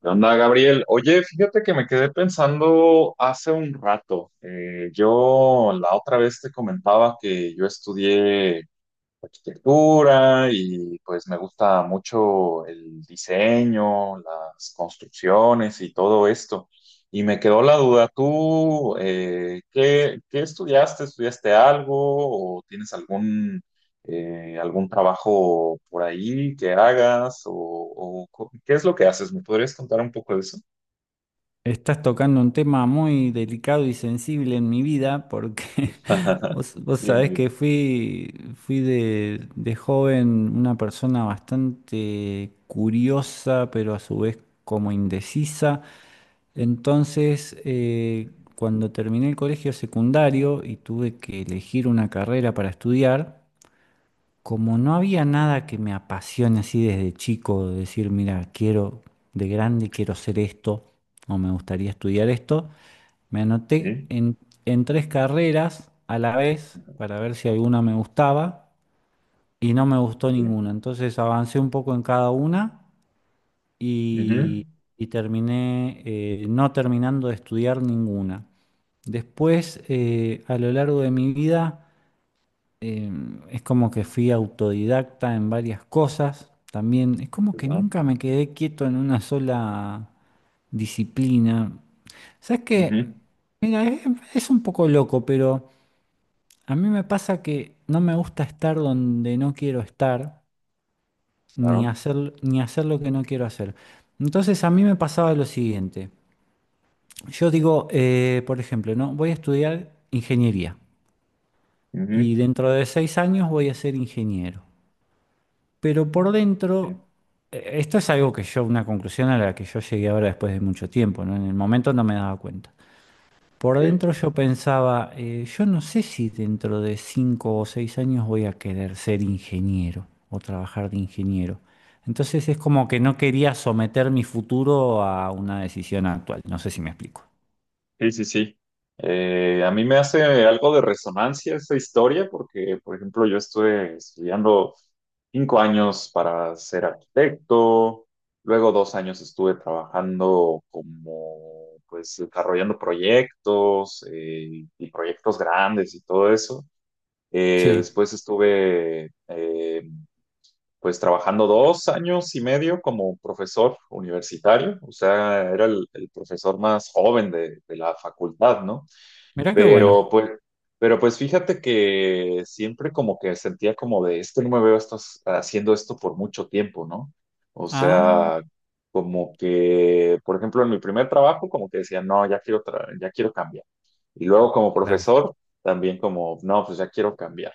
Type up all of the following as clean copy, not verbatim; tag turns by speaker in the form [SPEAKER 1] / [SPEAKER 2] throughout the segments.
[SPEAKER 1] ¿Qué onda, Gabriel? Oye, fíjate que me quedé pensando hace un rato. Yo la otra vez te comentaba que yo estudié arquitectura y pues me gusta mucho el diseño, las construcciones y todo esto. Y me quedó la duda, ¿tú qué estudiaste? ¿Estudiaste algo o tienes algún trabajo por ahí que hagas? ¿O qué es lo que haces? ¿Me podrías contar un poco de eso?
[SPEAKER 2] Estás tocando un tema muy delicado y sensible en mi vida porque vos
[SPEAKER 1] Dime,
[SPEAKER 2] sabés
[SPEAKER 1] dime.
[SPEAKER 2] que fui de joven una persona bastante curiosa, pero a su vez como indecisa. Entonces, cuando terminé el colegio secundario y tuve que elegir una carrera para estudiar, como no había nada que me apasione así desde chico, de decir, mira, quiero, de grande quiero ser esto, o me gustaría estudiar esto, me anoté
[SPEAKER 1] Sí,
[SPEAKER 2] en, en tres carreras a la vez para ver si alguna me gustaba y no me gustó
[SPEAKER 1] sí.
[SPEAKER 2] ninguna. Entonces avancé un poco en cada una y,
[SPEAKER 1] Ujú.
[SPEAKER 2] y terminé no terminando de estudiar ninguna. Después, a lo largo de mi vida, eh, es como que fui autodidacta en varias cosas. También es
[SPEAKER 1] Qué
[SPEAKER 2] como que
[SPEAKER 1] bueno.
[SPEAKER 2] nunca me quedé quieto en una sola disciplina. ¿Sabes qué?
[SPEAKER 1] Ujú.
[SPEAKER 2] Mira, es un poco loco, pero a mí me pasa que no me gusta estar donde no quiero estar, ni
[SPEAKER 1] Claro.
[SPEAKER 2] hacer, ni hacer lo que no quiero hacer. Entonces a mí me pasaba lo siguiente. Yo digo, por ejemplo, ¿no? Voy a estudiar ingeniería
[SPEAKER 1] Ujú.
[SPEAKER 2] y dentro de seis años voy a ser ingeniero. Pero por dentro,
[SPEAKER 1] Sí.
[SPEAKER 2] esto es algo que yo, una conclusión a la que yo llegué ahora después de mucho tiempo, ¿no? En el momento no me daba cuenta. Por
[SPEAKER 1] Ok.
[SPEAKER 2] dentro yo pensaba, yo no sé si dentro de cinco o seis años voy a querer ser ingeniero o trabajar de ingeniero. Entonces es como que no quería someter mi futuro a una decisión actual. No sé si me explico.
[SPEAKER 1] Sí, sí, sí. A mí me hace algo de resonancia esa historia porque, por ejemplo, yo estuve estudiando 5 años para ser arquitecto, luego 2 años estuve trabajando como, pues, desarrollando proyectos y proyectos grandes y todo eso.
[SPEAKER 2] Sí,
[SPEAKER 1] Después estuve, pues, trabajando 2 años y medio como profesor universitario, o sea, era el profesor más joven de la facultad, ¿no?
[SPEAKER 2] mirá qué bueno.
[SPEAKER 1] Pero pues, pero pues fíjate que siempre como que sentía como de, es que no me veo esto, haciendo esto por mucho tiempo, ¿no? O
[SPEAKER 2] Ah,
[SPEAKER 1] sea, como que, por ejemplo, en mi primer trabajo como que decía, no, ya quiero cambiar. Y luego como
[SPEAKER 2] claro.
[SPEAKER 1] profesor, también como, no, pues ya quiero cambiar.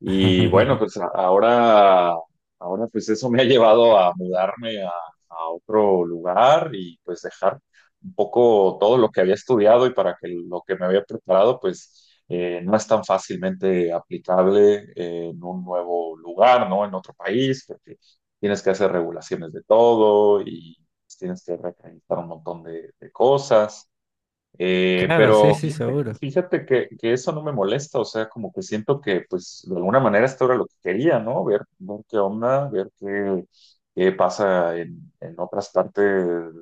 [SPEAKER 1] Y bueno, pues ahora pues eso me ha llevado a mudarme a otro lugar y pues dejar un poco todo lo que había estudiado y para que lo que me había preparado pues no es tan fácilmente aplicable en un nuevo lugar, ¿no? En otro país, porque tienes que hacer regulaciones de todo y pues, tienes que reacreditar un montón de cosas.
[SPEAKER 2] Claro, sí,
[SPEAKER 1] Pero
[SPEAKER 2] sí,
[SPEAKER 1] fíjate,
[SPEAKER 2] seguro.
[SPEAKER 1] fíjate que eso no me molesta, o sea, como que siento que, pues, de alguna manera esto era lo que quería, ¿no? Ver qué onda, ver qué pasa en otras partes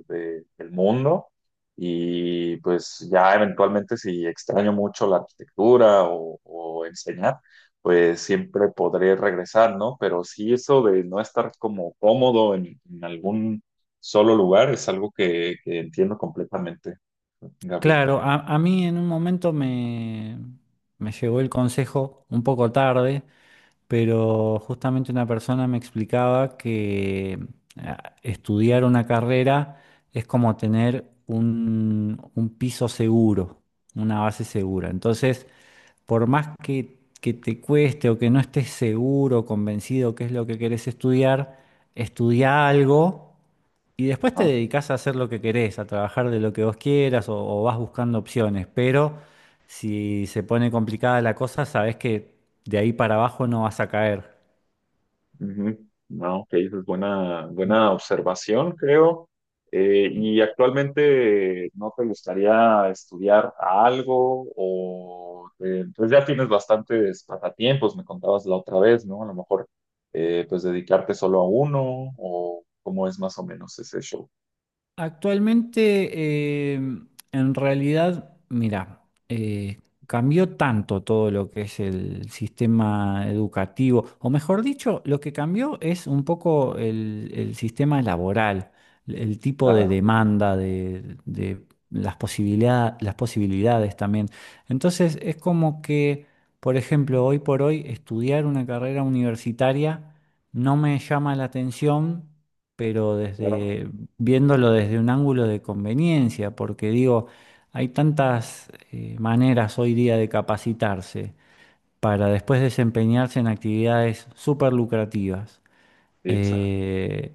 [SPEAKER 1] del mundo. Y pues ya eventualmente si extraño mucho la arquitectura o enseñar, pues siempre podré regresar, ¿no? Pero sí eso de no estar como cómodo en algún solo lugar es algo que entiendo completamente, Gabriel.
[SPEAKER 2] Claro, a mí en un momento me, me llegó el consejo un poco tarde, pero justamente una persona me explicaba que estudiar una carrera es como tener un piso seguro, una base segura. Entonces, por más que te cueste o que no estés seguro, convencido qué es lo que querés estudiar, estudia algo y después te
[SPEAKER 1] No,
[SPEAKER 2] dedicás a hacer lo que querés, a trabajar de lo que vos quieras o vas buscando opciones, pero si se pone complicada la cosa, sabés que de ahí para abajo no vas a caer.
[SPEAKER 1] ujú. No, ok, esa es buena, buena observación, creo. ¿Y actualmente no te gustaría estudiar algo? O pues ya tienes bastantes pasatiempos, me contabas la otra vez, ¿no? A lo mejor pues dedicarte solo a uno, o cómo es más o menos ese show.
[SPEAKER 2] Actualmente, en realidad, mira, eh, cambió tanto todo lo que es el sistema educativo, o mejor dicho, lo que cambió es un poco el sistema laboral, el tipo de
[SPEAKER 1] Claro,
[SPEAKER 2] demanda, de las posibilidad- las posibilidades también. Entonces, es como que, por ejemplo, hoy por hoy, estudiar una carrera universitaria no me llama la atención pero
[SPEAKER 1] claro.
[SPEAKER 2] desde viéndolo desde un ángulo de conveniencia, porque digo, hay tantas maneras hoy día de capacitarse para después desempeñarse en actividades súper lucrativas
[SPEAKER 1] Sí, exacto.
[SPEAKER 2] eh,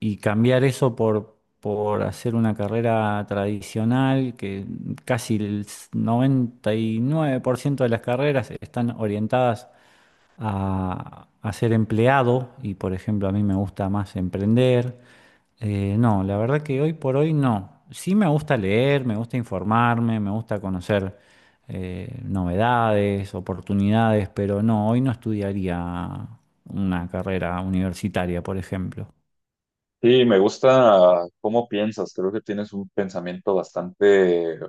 [SPEAKER 2] y cambiar eso por hacer una carrera tradicional, que casi el 99% de las carreras están orientadas a ser empleado y, por ejemplo, a mí me gusta más emprender. No, la verdad que hoy por hoy no. Sí me gusta leer, me gusta informarme, me gusta conocer novedades, oportunidades, pero no, hoy no estudiaría una carrera universitaria, por ejemplo.
[SPEAKER 1] Sí, me gusta cómo piensas. Creo que tienes un pensamiento bastante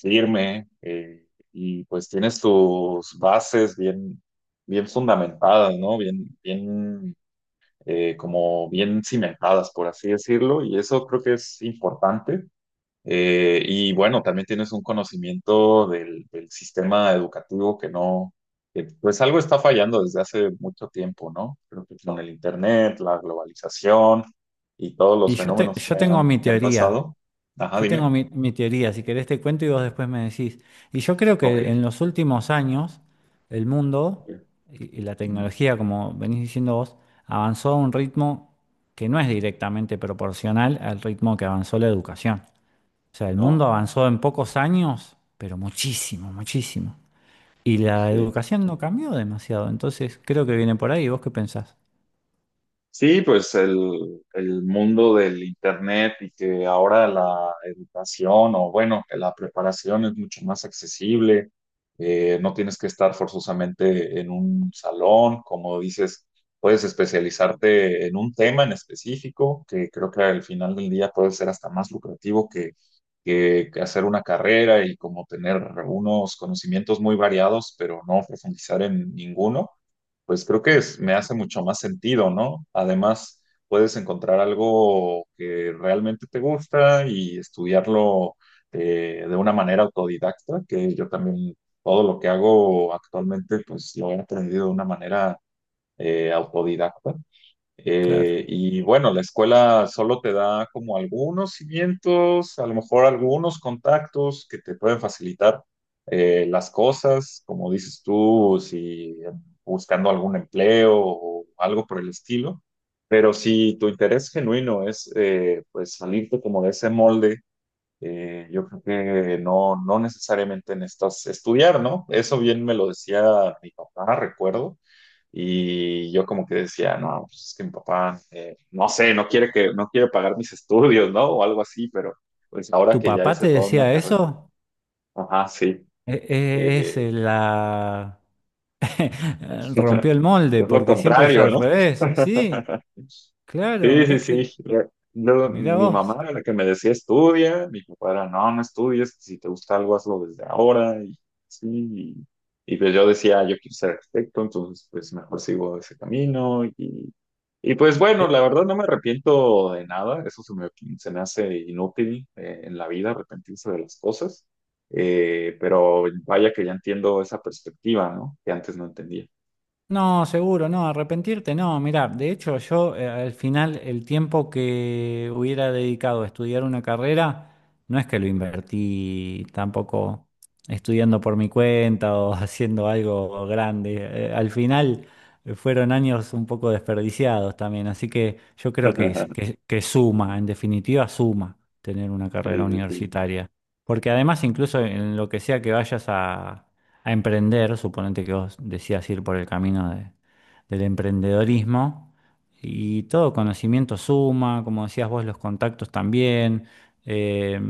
[SPEAKER 1] firme y pues tienes tus bases bien, bien fundamentadas, ¿no? Bien, bien, como bien cimentadas, por así decirlo. Y eso creo que es importante y bueno, también tienes un conocimiento del sistema educativo que no, que, pues algo está fallando desde hace mucho tiempo, ¿no? Creo que con el internet, la globalización y todos
[SPEAKER 2] Y
[SPEAKER 1] los
[SPEAKER 2] yo, te-
[SPEAKER 1] fenómenos que
[SPEAKER 2] yo tengo
[SPEAKER 1] han,
[SPEAKER 2] mi
[SPEAKER 1] que han
[SPEAKER 2] teoría.
[SPEAKER 1] pasado. Ajá,
[SPEAKER 2] Yo tengo
[SPEAKER 1] dime.
[SPEAKER 2] mi, mi teoría, si querés te cuento y vos después me decís. Y yo creo que en
[SPEAKER 1] Ok.
[SPEAKER 2] los últimos años el mundo y la
[SPEAKER 1] Mm,
[SPEAKER 2] tecnología, como venís diciendo vos, avanzó a un ritmo que no es directamente proporcional al ritmo que avanzó la educación. O sea, el mundo
[SPEAKER 1] no,
[SPEAKER 2] avanzó en pocos años, pero muchísimo, muchísimo. Y la
[SPEAKER 1] sí.
[SPEAKER 2] educación no cambió demasiado, entonces creo que viene por ahí. ¿Vos qué pensás?
[SPEAKER 1] Sí, pues el mundo del internet y que ahora la educación o bueno, que la preparación es mucho más accesible, no tienes que estar forzosamente en un salón, como dices, puedes especializarte en un tema en específico, que creo que al final del día puede ser hasta más lucrativo que hacer una carrera y como tener unos conocimientos muy variados, pero no profundizar en ninguno. Pues creo que me hace mucho más sentido, ¿no? Además, puedes encontrar algo que realmente te gusta y estudiarlo de una manera autodidacta, que yo también todo lo que hago actualmente, pues lo he aprendido de una manera autodidacta.
[SPEAKER 2] Claro.
[SPEAKER 1] Y bueno, la escuela solo te da como algunos cimientos, a lo mejor algunos contactos que te pueden facilitar las cosas, como dices tú, si buscando algún empleo o algo por el estilo. Pero si tu interés genuino es pues salirte como de ese molde yo creo que no, no necesariamente necesitas estudiar, ¿no? Eso bien me lo decía mi papá, recuerdo, y yo como que decía, no, pues es que mi papá, no sé, no quiere pagar mis estudios, ¿no? O algo así, pero pues ahora
[SPEAKER 2] ¿Tu
[SPEAKER 1] que ya
[SPEAKER 2] papá te
[SPEAKER 1] hice toda una
[SPEAKER 2] decía
[SPEAKER 1] carrera,
[SPEAKER 2] eso?
[SPEAKER 1] ajá, sí.
[SPEAKER 2] E- e- Es,
[SPEAKER 1] eh,
[SPEAKER 2] la, eh, rompió el molde,
[SPEAKER 1] Es lo
[SPEAKER 2] porque siempre es
[SPEAKER 1] contrario,
[SPEAKER 2] al
[SPEAKER 1] ¿no?
[SPEAKER 2] revés. Sí, claro,
[SPEAKER 1] Sí,
[SPEAKER 2] mirá
[SPEAKER 1] sí,
[SPEAKER 2] que,
[SPEAKER 1] sí. Luego,
[SPEAKER 2] mirá
[SPEAKER 1] mi mamá
[SPEAKER 2] vos.
[SPEAKER 1] era la que me decía estudia, mi papá era no, no estudies, si te gusta algo hazlo desde ahora y sí. Y pues yo decía, "Ah, yo quiero ser arquitecto, entonces pues mejor sigo ese camino y pues bueno,
[SPEAKER 2] Eh,
[SPEAKER 1] la verdad no me arrepiento de nada, eso se me hace inútil en la vida arrepentirse de las cosas, pero vaya que ya entiendo esa perspectiva, ¿no? Que antes no entendía.
[SPEAKER 2] No, seguro, no, arrepentirte, no. Mirá, de hecho yo al final el tiempo que hubiera dedicado a estudiar una carrera, no es que lo invertí tampoco estudiando por mi cuenta o haciendo algo grande. Al final fueron años un poco desperdiciados también, así que yo creo que, es- que suma, en definitiva suma tener una
[SPEAKER 1] Sí,
[SPEAKER 2] carrera
[SPEAKER 1] sí, sí.
[SPEAKER 2] universitaria. Porque además incluso en lo que sea que vayas a emprender, suponete que vos decías ir por el camino de- del emprendedorismo, y todo conocimiento suma, como decías vos, los contactos también, eh,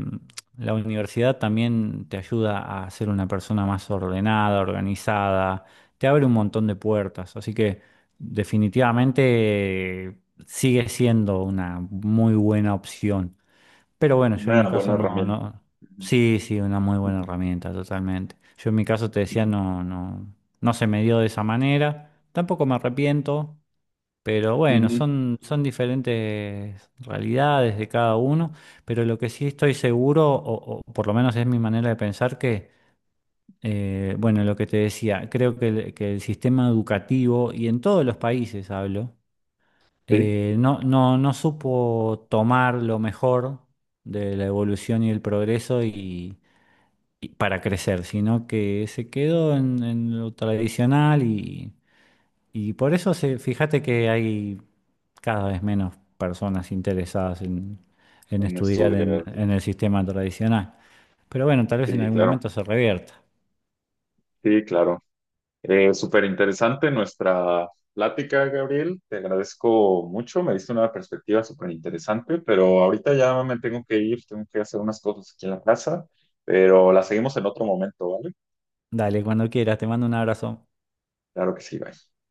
[SPEAKER 2] la universidad también te ayuda a ser una persona más ordenada, organizada, te abre un montón de puertas, así que definitivamente eh, sigue siendo una muy buena opción. Pero bueno, yo en mi
[SPEAKER 1] Una buena
[SPEAKER 2] caso no,
[SPEAKER 1] herramienta.
[SPEAKER 2] no.
[SPEAKER 1] Ujú,
[SPEAKER 2] Sí, sí, una muy buena
[SPEAKER 1] ujú,
[SPEAKER 2] herramienta, totalmente. Yo en mi caso te decía,
[SPEAKER 1] ujú,
[SPEAKER 2] no, no, no se me dio de esa manera. Tampoco me arrepiento, pero bueno,
[SPEAKER 1] ujú.
[SPEAKER 2] son, son diferentes realidades de cada uno. Pero lo que sí estoy seguro, o por lo menos es mi manera de pensar, que, bueno, lo que te decía, creo que el sistema educativo, y en todos los países hablo,
[SPEAKER 1] Sí,
[SPEAKER 2] no, no, no supo tomar lo mejor de la evolución y el progreso y para crecer, sino que se quedó en lo tradicional y por eso se, fíjate que hay cada vez menos personas interesadas en
[SPEAKER 1] en
[SPEAKER 2] estudiar
[SPEAKER 1] estudiar.
[SPEAKER 2] en el sistema tradicional. Pero bueno, tal vez en
[SPEAKER 1] Sí,
[SPEAKER 2] algún
[SPEAKER 1] claro.
[SPEAKER 2] momento se revierta.
[SPEAKER 1] Sí, claro. Súper interesante nuestra plática, Gabriel. Te agradezco mucho. Me diste una perspectiva súper interesante, pero ahorita ya me tengo que ir. Tengo que hacer unas cosas aquí en la casa, pero la seguimos en otro momento, ¿vale?
[SPEAKER 2] Dale, cuando quieras, te mando un abrazo.
[SPEAKER 1] Claro que sí, bye.